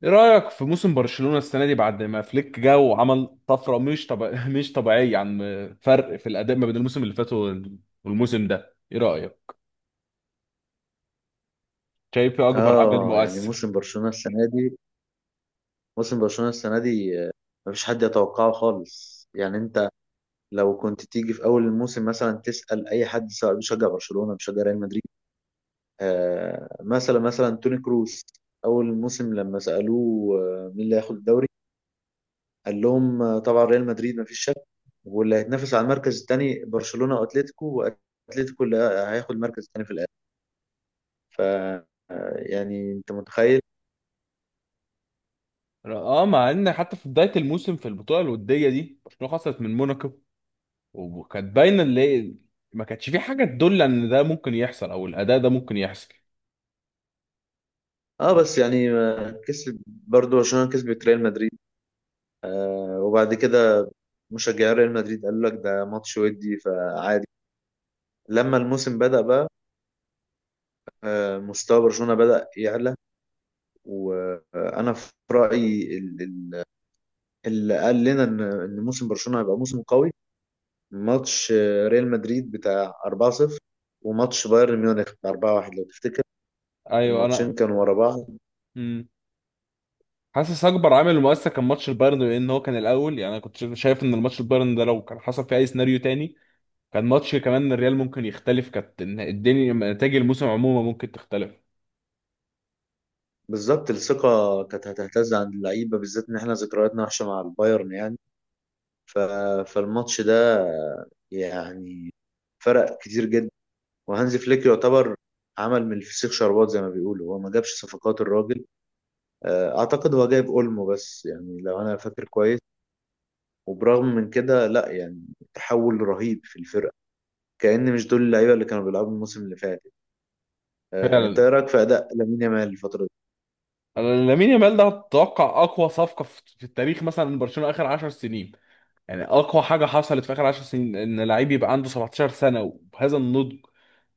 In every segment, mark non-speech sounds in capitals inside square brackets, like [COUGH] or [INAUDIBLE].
ايه رأيك في موسم برشلونة السنة دي بعد ما فليك جه وعمل طفرة مش طب... [LAUGHS] مش طبيعية عن فرق في الأداء ما بين الموسم اللي فات والموسم ده، ايه رأيك؟ شايف إيه اكبر عامل اه، يعني مؤثر؟ موسم برشلونة السنة دي مفيش حد يتوقعه خالص. يعني انت لو كنت تيجي في اول الموسم مثلا تسأل اي حد سواء بيشجع برشلونة بيشجع ريال مدريد، آه، مثلا توني كروس. اول الموسم لما سألوه، مين اللي هياخد الدوري؟ قال لهم، طبعا ريال مدريد مفيش شك، واللي هيتنافس على المركز الثاني برشلونة واتلتيكو، واتلتيكو اللي هياخد المركز الثاني في الاخر. ف آه، يعني انت متخيل. اه، مع ان حتى في بداية الموسم في البطولة الودية دي برشلونة خسرت من موناكو، وكانت باينة اللي ما كانتش في حاجة تدل ان ده ممكن يحصل او الأداء ده ممكن يحصل. اه، بس يعني، كسب برضو عشان كسبت ريال مدريد. وبعد كده مشجعي ريال مدريد قالوا لك ده ماتش ودي فعادي. لما الموسم بدأ بقى، مستوى برشلونة بدأ يعلى. وانا في رأيي اللي قال لنا إن موسم برشلونة هيبقى موسم قوي، ماتش، ريال مدريد بتاع 4-0، وماتش بايرن ميونخ بتاع 4-1، لو تفتكر. ايوه انا. الماتشين كانوا ورا بعض. مم. حاسس اكبر عامل مؤثر كان ماتش البايرن، لان هو كان الاول. يعني انا كنت شايف ان الماتش البايرن ده لو كان حصل فيه اي سيناريو تاني كان ماتش كمان الريال ممكن يختلف، كانت الدنيا نتائج الموسم عموما ممكن تختلف. بالظبط، الثقة كانت هتهتز عند اللعيبة بالذات ان احنا ذكرياتنا وحشة مع البايرن يعني. ف... فالماتش ده، يعني، فرق كتير جدا. وهانز فليك يعتبر عمل من الفسيخ شربات زي ما بيقولوا. هو ما جابش صفقات الراجل. اعتقد هو جايب اولمو بس، يعني لو انا فاكر كويس. وبرغم من كده لا، يعني تحول رهيب في الفرقه، كأن مش دول اللعيبه اللي كانوا بيلعبوا الموسم اللي فات. انت فعلا. ايه رايك في اداء لامين يامال الفتره دي؟ أنا لامين يامال ده اتوقع اقوى صفقه في التاريخ مثلا من برشلونه اخر 10 سنين، يعني اقوى حاجه حصلت في اخر 10 سنين ان لعيب يبقى عنده 17 سنه وبهذا النضج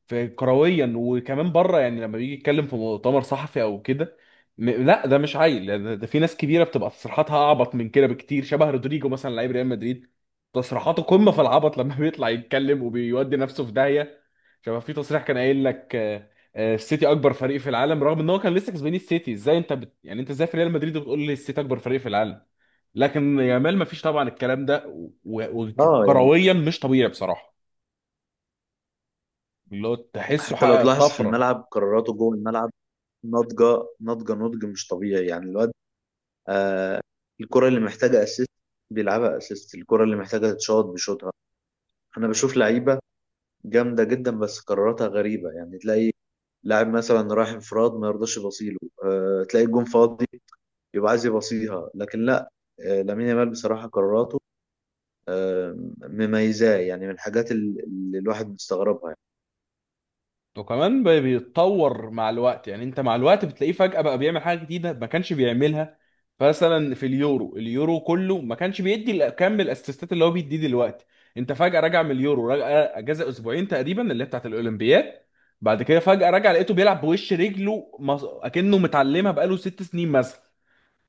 في كرويا وكمان بره. يعني لما بيجي يتكلم في مؤتمر صحفي او كده، لا ده مش عيل ده، ده في ناس كبيره بتبقى تصريحاتها اعبط من كده بكتير. شبه رودريجو مثلا، لعيب ريال مدريد تصريحاته قمه في العبط، لما [LAUGHS] بيطلع يتكلم وبيودي نفسه في داهيه. شبه في تصريح كان قايل لك السيتي اكبر فريق في العالم، رغم ان هو كان لسه كسبان السيتي. ازاي انت يعني انت ازاي في ريال مدريد وبتقول لي السيتي اكبر فريق في العالم؟ لكن يامال ما فيش طبعا الكلام ده اه، يعني وكرويا مش طبيعي بصراحه. اللي هو تحسه حتى لو حقق تلاحظ في طفره، الملعب قراراته جوه الملعب، ناضجه. ناضجه نضج مش طبيعي. يعني الواد، الكرة اللي محتاجة اسيست بيلعبها اسيست، الكرة اللي محتاجة تتشوط بيشوطها. انا بشوف لعيبة جامدة جدا بس قراراتها غريبة، يعني تلاقي لاعب مثلا رايح انفراد ما يرضاش يبصيله. تلاقي الجون فاضي يبقى عايز يبصيها، لكن لا. لامين يامال بصراحة قراراته أه مميزاه، يعني من الحاجات اللي الواحد مستغربها يعني. وكمان بيتطور مع الوقت. يعني انت مع الوقت بتلاقيه فجأة بقى بيعمل حاجة جديدة ما كانش بيعملها. مثلا في اليورو، اليورو كله ما كانش بيدي كم الاسيستات اللي هو بيديه دلوقتي. انت فجأة راجع من اليورو، راجع اجازة اسبوعين تقريبا اللي هي بتاعت الاولمبياد، بعد كده فجأة راجع لقيته بيلعب بوش رجله اكنه متعلمها بقاله 6 سنين مثلا.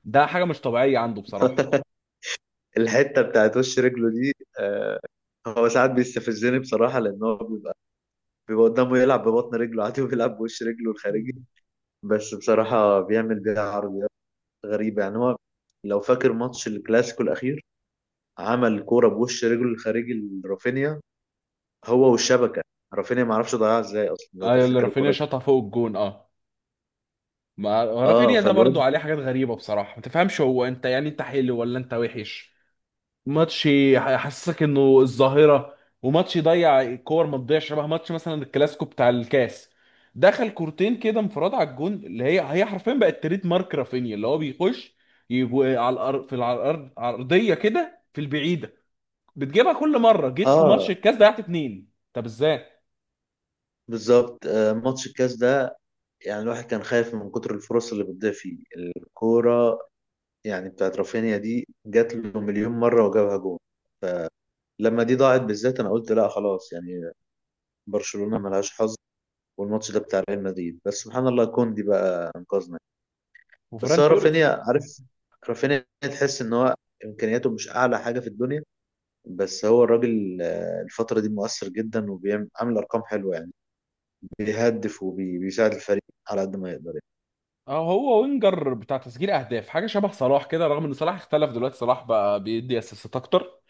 ده حاجة مش طبيعية عنده بصراحة. [LAUGHS] الحتة بتاعت وش رجله دي، آه، هو ساعات بيستفزني بصراحة لأن هو بيبقى، بيبقى قدامه يلعب ببطن رجله عادي وبيلعب بوش رجله الخارجي. مم. بس بصراحة بيعمل بيها عرضيات غريبة. يعني هو لو فاكر ماتش الكلاسيكو الأخير، عمل كورة بوش رجله الخارجي لرافينيا، هو والشبكة. رافينيا معرفش ضيعها ازاي أصلا، لو ايوه اللي تفتكر الكورة رافينيا دي. شاطها فوق الجون. اه، ما اه، رافينيا ده برضو فالواد. عليه حاجات غريبة بصراحة، ما تفهمش هو، انت يعني انت حلو ولا انت وحش؟ ماتش يحسسك انه الظاهره، وماتش يضيع كور ما تضيعش. شبه ماتش مثلا الكلاسيكو بتاع الكاس، دخل كورتين كده انفراد على الجون اللي هي هي حرفيا بقت تريد مارك رافينيا، اللي هو بيخش يجو على الارض، في على الارض عرضيه كده في البعيده بتجيبها كل مره، جيت في اه، ماتش الكاس ضيعت اتنين، طب ازاي؟ بالظبط، آه، ماتش الكاس ده، يعني الواحد كان خايف من كتر الفرص اللي بتضيع فيه الكورة. يعني بتاعت رافينيا دي جات له مليون مرة وجابها جول، لما دي ضاعت بالذات أنا قلت لا خلاص، يعني برشلونة ملهاش حظ، والماتش ده بتاع ريال مدريد. بس سبحان الله كوندي بقى انقذنا. بس وفران هو توريس. رافينيا عارف، رافينيا تحس ان هو امكانياته مش اعلى حاجه في الدنيا، بس هو الراجل، الفتره دي مؤثر جدا وبيعمل عامل ارقام حلوه يعني. بيهدف وبيساعد الفريق على قد ما يقدر يعني. اه هو وينجر بتاع تسجيل اهداف، حاجه شبه صلاح كده، رغم ان صلاح اختلف دلوقتي، صلاح بقى بيدي اسيستات اكتر.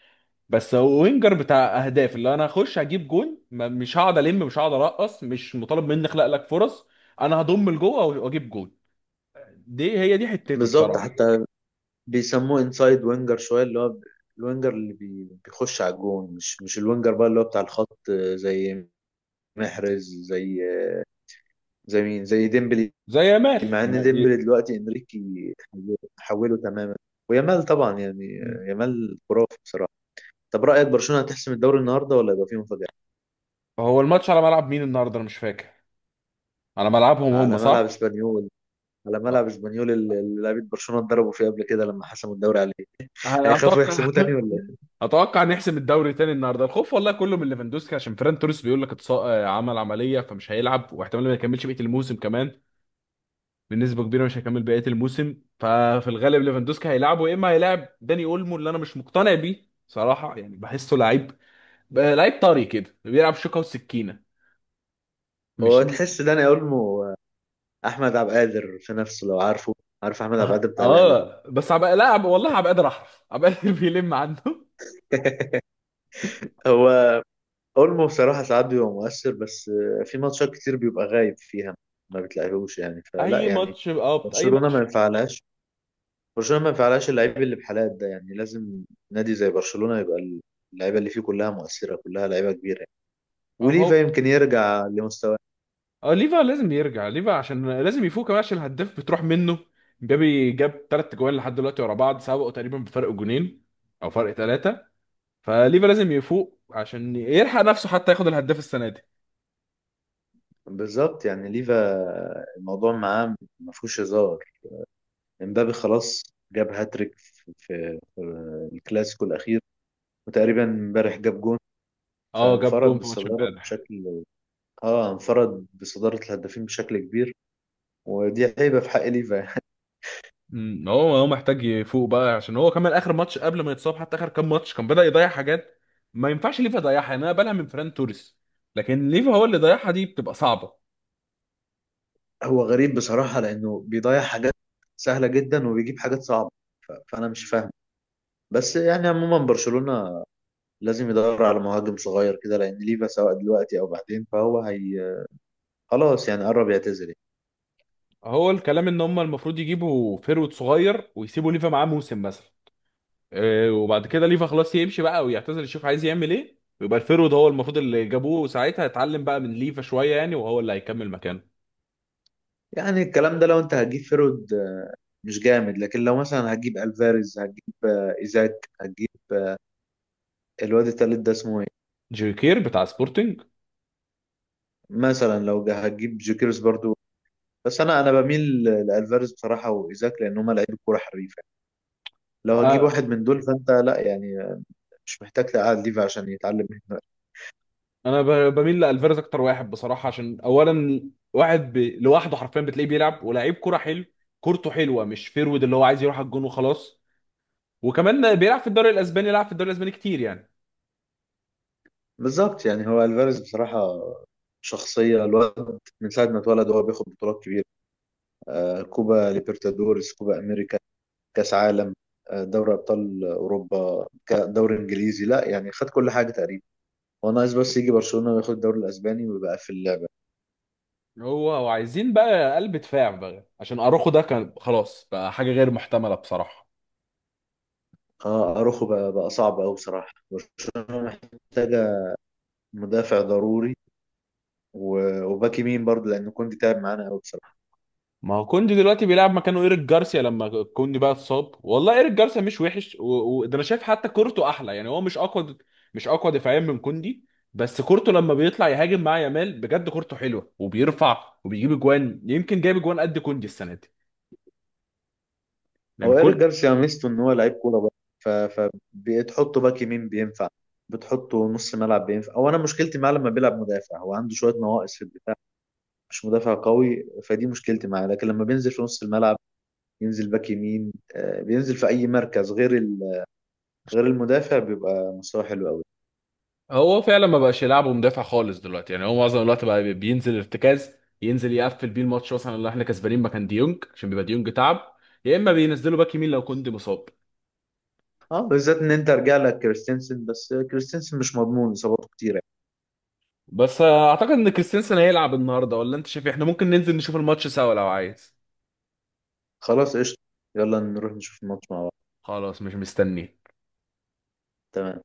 بس هو وينجر بتاع اهداف، اللي انا هخش هجيب جون، مش هقعد ارقص، مش مطالب مني اخلق لك فرص. انا هضم لجوه واجيب جون، دي هي دي حتته بالظبط. بصراحه. حتى بيسموه انسايد وينجر شويه، اللي هو الوينجر اللي بيخش على الجون، مش الوينجر بقى اللي هو بتاع الخط، زي محرز، زي، زي مين، زي ديمبلي. زي يامال مع ان ديمبلي دلوقتي انريكي حوله تماما، ويامال طبعا يعني، مم. يامال خرافي بصراحه. طب رايك برشلونه هتحسم الدوري النهارده ولا يبقى فيه مفاجاه؟ هو الماتش على ملعب مين النهارده؟ انا مش فاكر. على ملعبهم هم على صح؟ ملعب اسبانيول. على آه. ملعب اسبانيول اللي اللي لعيبه برشلونه اتضربوا فيه قبل كده لما حسموا الدوري عليه. أنا هيخافوا اتوقع يحسموه تاني [LAUGHS] ولا ايه؟ اتوقع نحسم الدوري تاني النهارده. الخوف والله كله من ليفاندوسكي، عشان فيران توريس بيقول لك اتص... آه، عمل عمليه فمش هيلعب واحتمال ما يكملش بقيه الموسم كمان، بنسبه كبيره مش هيكمل بقيه الموسم. ففي الغالب ليفاندوسكي هيلعبه، يا اما هيلاعب داني اولمو اللي انا مش مقتنع بيه صراحه. يعني بحسه لعيب، بقى لعيب طري كده بيلعب شوكه وسكينه، مش. هو تحس داني اولمو احمد عبد القادر في نفسه لو عارفه؟ عارف احمد عبد القادر بتاع الاهلي طبعا. اه بس هبقى لا والله هبقى قادر احرف هبقى [LAUGHS] قادر بيلم عنه. [LAUGHS] هو اولمو بصراحه ساعات بيبقى مؤثر بس، في ماتشات كتير بيبقى غايب فيها ما بتلاقيهوش، يعني فلا. اي يعني ماتش، اه اي برشلونه ما ماتش. ينفعلهاش برشلونه ما ينفعلهاش اللعيب اللي بحالات ده. يعني لازم نادي زي برشلونه يبقى اللعيبه اللي فيه كلها مؤثره، كلها لعيبه كبيره يعني. وليفا اهو. يمكن يرجع لمستواه. اه ليفا لازم يرجع، ليفا عشان لازم يفوق كمان عشان الهداف بتروح منه. جابي جاب ثلاث جوان لحد دلوقتي ورا بعض، سبقوا تقريبا بفرق جونين او فرق ثلاثه. فليفا لازم يفوق عشان يلحق نفسه حتى ياخد الهداف السنه دي. بالظبط، يعني ليفا الموضوع معاه ما فيهوش هزار. امبابي خلاص جاب هاتريك في الكلاسيكو الاخير، وتقريبا امبارح جاب جون، اه جاب فانفرد جون في ماتش بالصداره امبارح. بشكل. اه، انفرد بصدارة الهدافين بشكل كبير، ودي هيبة في حق ليفا يعني. امم، هو هو محتاج يفوق بقى، عشان هو كمان اخر ماتش قبل ما يتصاب حتى اخر كام ماتش كان بدأ يضيع حاجات ما ينفعش ليفا يضيعها. يعني انا بقالها من فران توريس، لكن ليفا هو اللي ضيعها، دي بتبقى صعبه. [LAUGHS] هو غريب بصراحة لأنه بيضيع حاجات سهلة جدا وبيجيب حاجات صعبة، فأنا مش فاهم. بس يعني عموما برشلونة لازم يدور على مهاجم صغير كده، لأن ليفا سواء دلوقتي أو بعدين فهو هي خلاص، يعني قرب يعتزل يعني. هو الكلام ان هم المفروض يجيبوا فيرود صغير ويسيبوا ليفا معاه موسم مثلا، إيه، وبعد كده ليفا خلاص يمشي بقى ويعتزل يشوف عايز يعمل ايه، ويبقى الفيرود هو المفروض اللي جابوه ساعتها يتعلم بقى من ليفا شويه، يعني وهو اللي هيكمل مكانه. يعني الكلام ده لو أنت هتجيب فيرود، مش جامد، لكن لو مثلا هتجيب ألفاريز، هتجيب، إيزاك، هتجيب الواد التالت ده اسمه إيه؟ جيري كير بتاع سبورتنج. مثلا لو هتجيب جيكيرس برضو. بس انا بميل لالفاريز بصراحه وايزاك، لان هما لعيبه كوره حريفه. لو هجيب آه، واحد من دول فانت لا، يعني مش محتاج تقعد ليفا عشان يتعلم منه. انا بميل لالفيرز اكتر واحد بصراحه، عشان اولا واحد لوحده حرفيا بتلاقيه بيلعب ولاعيب كرة حلو، كورته حلوه، مش فيرود اللي هو عايز يروح على الجون وخلاص، وكمان بيلعب في الدوري الاسباني، لعب في الدوري الاسباني كتير يعني. بالظبط. يعني هو الفاريز بصراحه، شخصيه الواد من ساعه ما اتولد هو بياخد بطولات كبيره، آه، كوبا ليبرتادورس، كوبا امريكا، كاس عالم، آه، دوري ابطال اوروبا، دوري انجليزي، لا، يعني خد كل حاجه تقريبا. هو ناقص بس يجي برشلونه وياخد الدوري الاسباني ويبقى في اللعبه. هو وعايزين بقى قلب دفاع بقى عشان اروخو ده كان خلاص بقى حاجه غير محتمله بصراحه. اه، اروخو بقى صعب قوي بصراحه. برشلونه محتاجه مدافع ضروري، وباك يمين برضه، لان كنت تعب معانا قوي بصراحه. ما هو كوندي دلوقتي بيلعب مكانه ايريك جارسيا لما كوندي بقى اتصاب، والله ايريك جارسيا مش وحش، وده ده انا شايف حتى كورته احلى، يعني هو مش اقوى، مش اقوى دفاعيا من كوندي. بس كورته لما بيطلع يهاجم مع يامال بجد كورته حلوه، وبيرفع وبيجيب اجوان، يمكن جايب اجوان قد كوندي السنه دي. لان هو ايريك كل جارسيا ميزته ان هو لعيب كوره برضه، فبتحطه باك يمين بينفع، بتحطه نص ملعب بينفع. او انا مشكلتي معاه لما بيلعب مدافع، هو عنده شويه نواقص في الدفاع، مش مدافع قوي، فدي مشكلتي معاه. لكن لما بينزل في نص الملعب ينزل باك يمين، بينزل في اي مركز غير غير المدافع، بيبقى مستواه حلو قوي. هو فعلا ما بقاش يلعبه مدافع خالص دلوقتي، يعني هو معظم الوقت بقى بينزل ارتكاز، ينزل يقفل بيه الماتش مثلا اللي احنا كسبانين مكان ديونج عشان بيبقى ديونج تعب، يا اما بينزله باك يمين لو كوندي مصاب. اه، بالذات ان انت رجع لك كريستنسن، بس كريستنسن مش مضمون اصاباته كتيره. بس اعتقد ان كريستنسن هيلعب النهارده، ولا انت شايف إيه؟ احنا ممكن ننزل نشوف الماتش سوا لو عايز. خلاص قشطه. يلا نروح نشوف الماتش مع بعض. خلاص مش مستني. تمام.